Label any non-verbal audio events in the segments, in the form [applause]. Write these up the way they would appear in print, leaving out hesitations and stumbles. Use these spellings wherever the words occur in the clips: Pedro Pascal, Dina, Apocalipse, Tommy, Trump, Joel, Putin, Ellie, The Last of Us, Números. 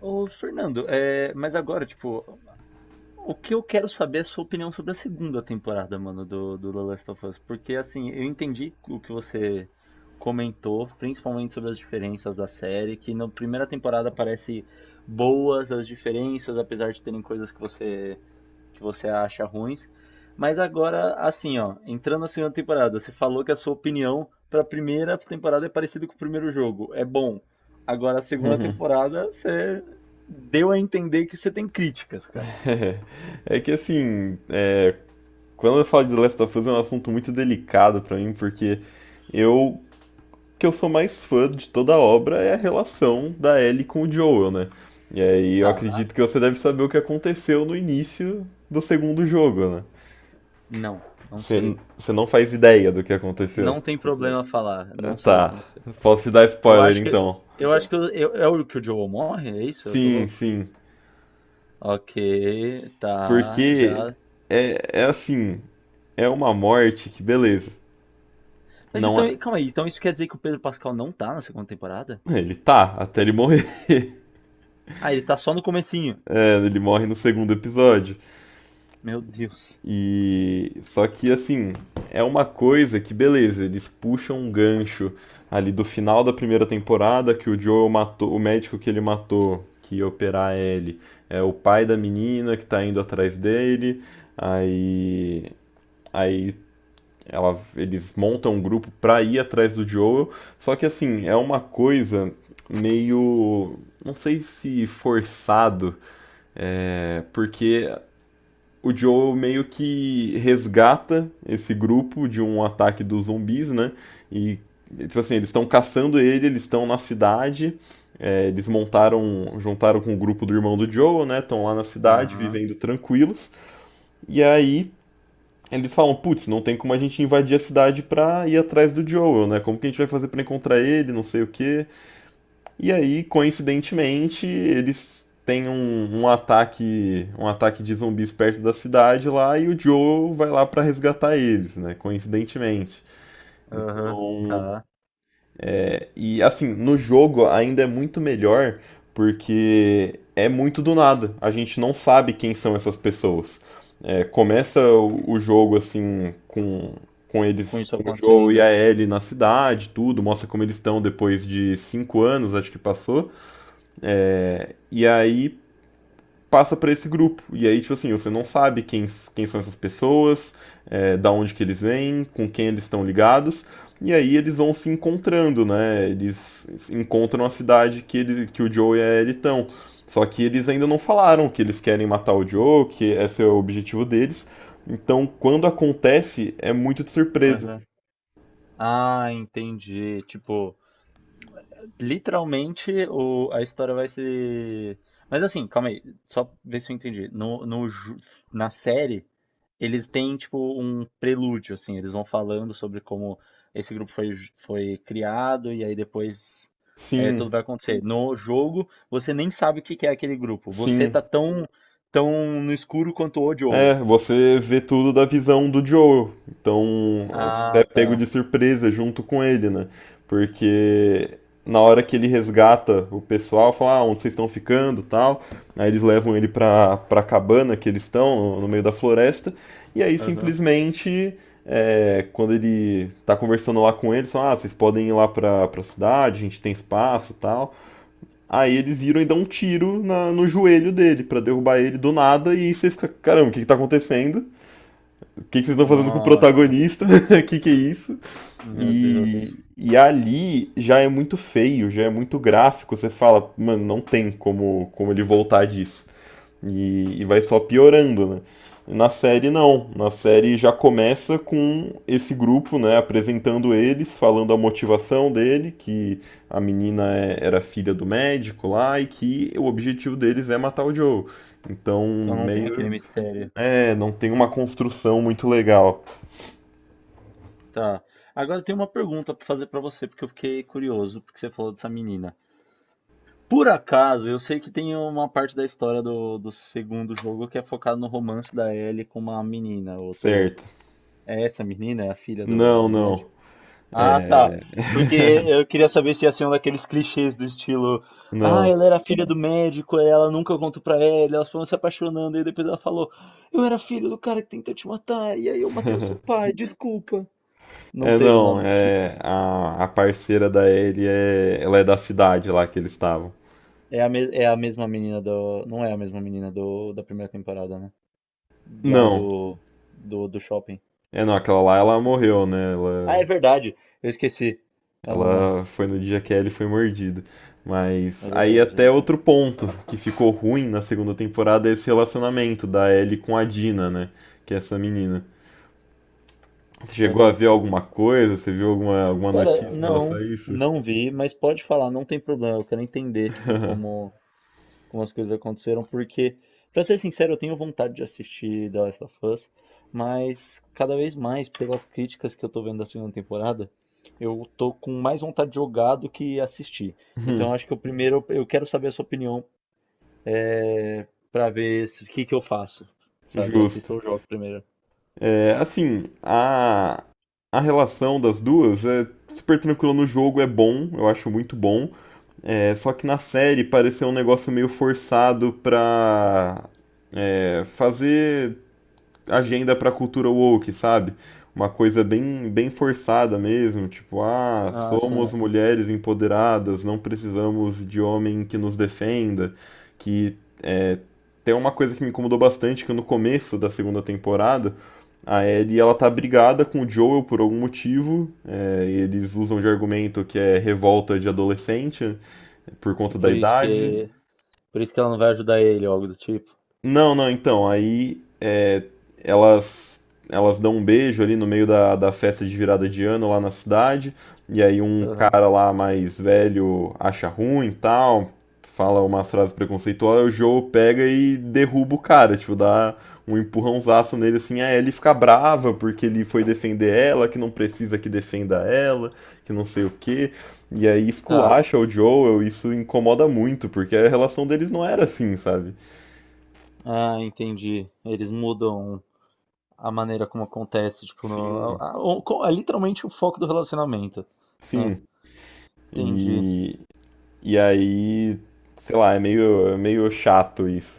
Ô, Fernando, é, mas agora, tipo, o que eu quero saber é a sua opinião sobre a segunda temporada, mano, do The Last of Us. Porque, assim, eu entendi o que você comentou, principalmente sobre as diferenças da série, que na primeira temporada parece boas as diferenças, apesar de terem coisas que você acha ruins. Mas agora, assim, ó, entrando na segunda temporada, você falou que a sua opinião para a primeira temporada é parecida com o primeiro jogo, é bom. Agora, a segunda temporada, você deu a entender que você tem críticas, cara. É é que assim, quando eu falo de The Last of Us é um assunto muito delicado pra mim, porque eu que eu sou mais fã de toda a obra é a relação da Ellie com o Joel, né? E aí eu Tá, acredito que você deve saber o que aconteceu no início do segundo jogo, né? não, não Você, sei. você não faz ideia do que aconteceu. Não tem problema falar, Ah, não sei o que tá, aconteceu. posso te dar Eu spoiler acho que, então. eu acho que é o que o Joel morre, é isso? Eu tô Sim, louco? sim, Ok, tá, porque já. é, é assim, é uma morte que beleza, Mas não é. então, calma aí, então isso quer dizer que o Pedro Pascal não tá na segunda temporada? Ele tá, até ele morrer. [laughs] Ah, ele tá só no comecinho. É, ele morre no segundo episódio. Meu Deus. E só que assim, é uma coisa que beleza, eles puxam um gancho ali do final da primeira temporada que o Joel matou, o médico que ele matou, que ia operar ele, é o pai da menina que tá indo atrás dele. Aí aí ela, eles montam um grupo pra ir atrás do Joel. Só que assim, é uma coisa meio. Não sei se forçado, é, porque o Joe meio que resgata esse grupo de um ataque dos zumbis, né? E, tipo assim, eles estão caçando ele, eles estão na cidade, é, eles montaram, juntaram com o grupo do irmão do Joe, né? Estão lá na cidade, Aham, vivendo tranquilos. E aí eles falam, putz, não tem como a gente invadir a cidade pra ir atrás do Joel, né? Como que a gente vai fazer pra encontrar ele, não sei o quê. E aí, coincidentemente, eles têm um ataque de zumbis perto da cidade lá e o Joe vai lá pra resgatar eles, né? Coincidentemente. aham, Então, tá. é, e assim, no jogo ainda é muito melhor porque é muito do nada. A gente não sabe quem são essas pessoas. É, começa o jogo assim com Com eles, isso com o Joe e acontecendo. a Ellie na cidade, tudo, mostra como eles estão depois de 5 anos, acho que passou. É, e aí passa para esse grupo. E aí, tipo assim, você não sabe quem são essas pessoas, é, da onde que eles vêm, com quem eles estão ligados. E aí eles vão se encontrando, né? Eles encontram a cidade que o Joe e a Ellie estão. Só que eles ainda não falaram que eles querem matar o Joe, que esse é o objetivo deles. Então, quando acontece, é muito de surpresa. Aham. Ah, entendi. Tipo, literalmente, o, a história vai se. Mas assim, calma aí, só ver se eu entendi. No, no, ju- Na série, eles têm tipo um prelúdio, assim, eles vão falando sobre como esse grupo foi, foi criado e aí depois é, tudo Sim, vai acontecer. No jogo, você nem sabe o que que é aquele grupo. Você sim. tá tão, tão no escuro quanto o É, Joel. você vê tudo da visão do Joel. Então, você é Ah, pego tá. de surpresa junto com ele, né? Porque na hora que ele resgata o pessoal, fala, ah, onde vocês estão ficando, tal. Aí eles levam ele pra, pra cabana que eles estão, no meio da floresta. E aí, Aham. simplesmente, é, quando ele tá conversando lá com eles, fala, ah, vocês podem ir lá pra, pra cidade, a gente tem espaço, tal. Aí eles viram e dão um tiro no joelho dele pra derrubar ele do nada. E aí você fica, caramba, o que que tá acontecendo? O que que vocês estão fazendo com o Nossa, protagonista? [laughs] O que que é isso? meu E, Deus. e ali já é muito feio, já é muito gráfico. Você fala, mano, não tem como, como ele voltar disso. E vai só piorando, né? Na série não, na série já começa com esse grupo, né, apresentando eles, falando a motivação dele, que a menina era filha do médico lá e que o objetivo deles é matar o Joe. Então, Então não tem meio, aquele mistério. é, não tem uma construção muito legal, Tá. Agora tem uma pergunta pra fazer pra você, porque eu fiquei curioso, porque você falou dessa menina. Por acaso, eu sei que tem uma parte da história do segundo jogo que é focado no romance da Ellie com uma menina, ô, tô certo? louco. É essa menina? É a filha do, Não, do médico? não. Ah, tá. É, Porque eu queria saber se ia ser um daqueles clichês do estilo. Ah, não. ela era filha do médico, aí ela nunca contou pra ela, elas foram se apaixonando, e depois ela falou: Eu era filho do cara que tentou te matar, e aí eu matei o seu [laughs] pai, desculpa. Não É, teve não, nada disso. é a parceira da Ellie é, ela é da cidade lá que eles estavam. É a, é a mesma menina do. Não é a mesma menina do da primeira temporada, né? Lá Não. do. Do shopping. É, não, aquela lá ela Nossa. morreu, né? Ah, Ela, é verdade. Eu esqueci. Ela morre. ela foi no dia que a Ellie foi mordida. Mas É aí verdade, é até verdade. outro ponto que ficou ruim na segunda temporada é esse relacionamento da Ellie com a Dina, né? Que é essa menina. Você chegou a Aham. ver alguma coisa? Você viu alguma, alguma Cara, notícia em relação não. a isso? Não vi, mas pode falar, não tem problema. Eu quero entender, tipo, como. Como as coisas aconteceram, porque, pra ser sincero, eu tenho vontade de assistir The Last of Us, mas cada vez mais, pelas críticas que eu tô vendo da segunda temporada, eu tô com mais vontade de jogar do que assistir. Então eu acho que o primeiro, eu quero saber a sua opinião é, pra ver se- o que que eu faço, sabe? Justo. Assista o jogo primeiro. É, assim, a relação das duas é super tranquila no jogo, é bom, eu acho muito bom. É, só que na série pareceu um negócio meio forçado pra é, fazer agenda pra cultura woke, sabe? Uma coisa bem, bem forçada mesmo, tipo, ah, Ah, sim. somos mulheres empoderadas, não precisamos de homem que nos defenda. Que tem uma coisa que me incomodou bastante, que no começo da segunda temporada, a Ellie, ela tá brigada com o Joel por algum motivo. É, eles usam de argumento que é revolta de adolescente, né? Por E conta da por isso idade? que, por isso que ela não vai ajudar ele, ou algo do tipo. Não, não, então, aí é, elas elas dão um beijo ali no meio da festa de virada de ano lá na cidade, e aí um Aham. cara lá mais velho acha ruim e tal, fala umas frases preconceituosas, o Joe pega e derruba o cara, tipo, dá um empurrãozaço nele assim, aí ele fica brava porque ele foi defender ela, que não precisa que defenda ela, que não sei o quê. E aí Tá. esculacha o Joel, isso incomoda muito, porque a relação deles não era assim, sabe? Ah, entendi. Eles mudam a maneira como acontece, tipo, no, Sim. É literalmente o foco do relacionamento, né? Sim. Entendi. E, e aí, sei lá, é meio chato isso.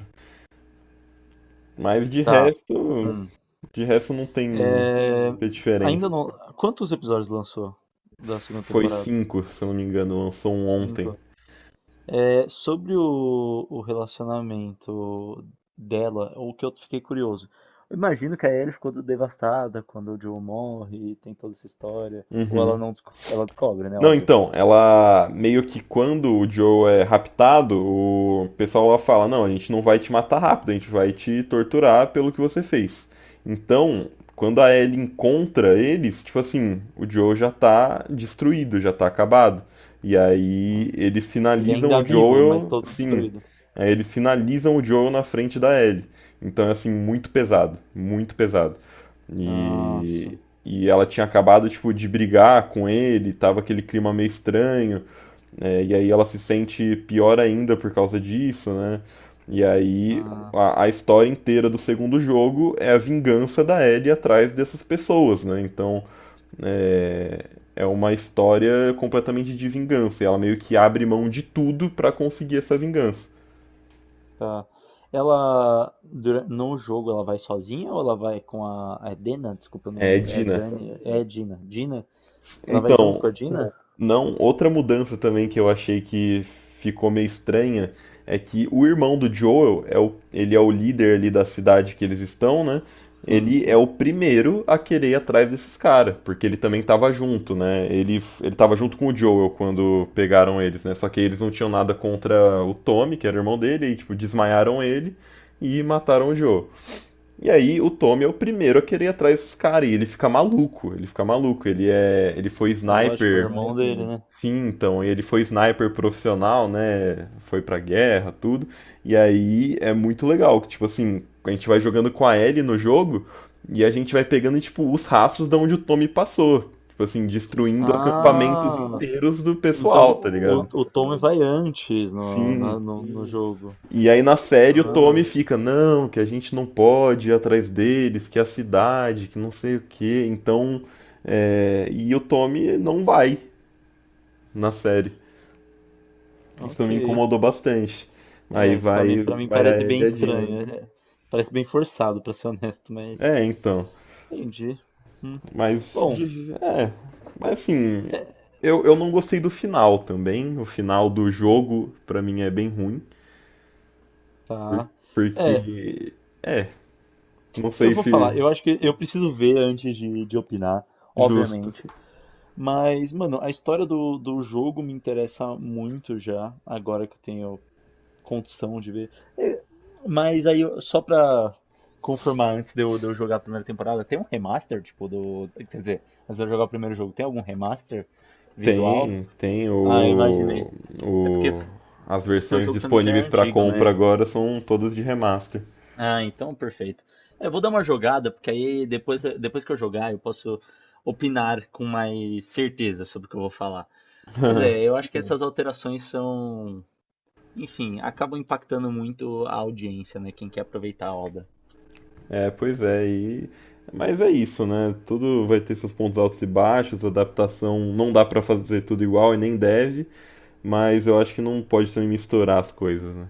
Mas Tá. Hum. de resto não tem É, muita ainda diferença. não. Quantos episódios lançou da segunda Foi temporada? 5 se eu não me engano, lançou um ontem. 5. É, sobre o relacionamento dela, o que eu fiquei curioso. Eu imagino que a Ellie ficou devastada quando o Joe morre, tem toda essa história. Ou ela Uhum. não ela descobre, né? Não, Óbvio. então, ela meio que quando o Joe é raptado, o pessoal lá fala: não, a gente não vai te matar rápido, a gente vai te torturar pelo que você fez. Então, quando a Ellie encontra eles, tipo assim, o Joe já tá destruído, já tá acabado. E Né? aí eles Ele ainda finalizam é o vivo, mas Joel, todo sim, destruído. aí eles finalizam o Joel na frente da Ellie. Então é assim, muito pesado, muito pesado. Nossa. E e ela tinha acabado, tipo, de brigar com ele, tava aquele clima meio estranho, né? E aí ela se sente pior ainda por causa disso, né? E aí Ah. A história inteira do segundo jogo é a vingança da Ellie atrás dessas pessoas, né? Então é, é uma história completamente de vingança. E ela meio que abre mão de tudo pra conseguir essa vingança. Tá. Ela, no jogo, ela vai sozinha ou ela vai com a Dena? Desculpa, eu É, não, é Dina. Dani, é Dina. Dina? Ela vai junto Então, com a Dina? É, não, outra mudança também que eu achei que ficou meio estranha é que o irmão do Joel é ele é o líder ali da cidade que eles estão, né? sim, Ele é sim. o primeiro a querer ir atrás desses caras, porque ele também tava junto, né? Ele tava junto com o Joel quando pegaram eles, né? Só que eles não tinham nada contra o Tommy, que era o irmão dele, e tipo, desmaiaram ele e mataram o Joel. E aí o Tommy é o primeiro a querer ir atrás desses caras, e ele fica maluco, ele fica maluco, ele foi Mas lógico, que é o sniper. irmão dele, dele. Né? Sim, então, e ele foi sniper profissional, né? Foi pra guerra, tudo. E aí é muito legal que, tipo assim, a gente vai jogando com a Ellie no jogo e a gente vai pegando, tipo, os rastros de onde o Tommy passou. Tipo assim, destruindo acampamentos Ah, inteiros do então pessoal, tá ligado? o Tommy vai antes no, Sim. no, no jogo. E aí na série o Tommy Ah, fica, não, que a gente não pode ir atrás deles, que é a cidade, que não sei o quê. Então, é... e o Tommy não vai na série. Isso ok. me incomodou bastante. Aí É, vai, pra mim vai a parece Ellie bem e a Dina. estranho. É. Parece bem forçado, pra ser honesto, mas É, então. entendi. Hum. Mas, Bom, de- é. Mas assim, é, eu não gostei do final também. O final do jogo, pra mim, é bem ruim. por- tá. É, Porque, é, não eu sei vou falar, se eu acho que eu preciso ver antes de opinar, justo. obviamente. Mas, mano, a história do jogo me interessa muito já, agora que eu tenho condição de ver. É, mas aí, só pra confirmar antes de eu jogar a primeira temporada, tem um remaster, tipo, do. Quer dizer, antes de eu jogar o primeiro jogo, tem algum remaster visual? Tem, tem Ah, eu imaginei. É o as porque o versões jogo também já é disponíveis pra antigo, compra né? agora são todas de remaster. Ah, então perfeito. É, eu vou dar uma jogada, porque aí depois, depois que eu jogar eu posso opinar com mais certeza sobre o que eu vou falar. Mas é, eu acho que essas alterações são, enfim, acabam impactando muito a audiência, né? Quem quer aproveitar a obra. É, pois é, mas é isso, né? Tudo vai ter seus pontos altos e baixos, adaptação não dá pra fazer tudo igual e nem deve, mas eu acho que não pode também misturar as coisas, né?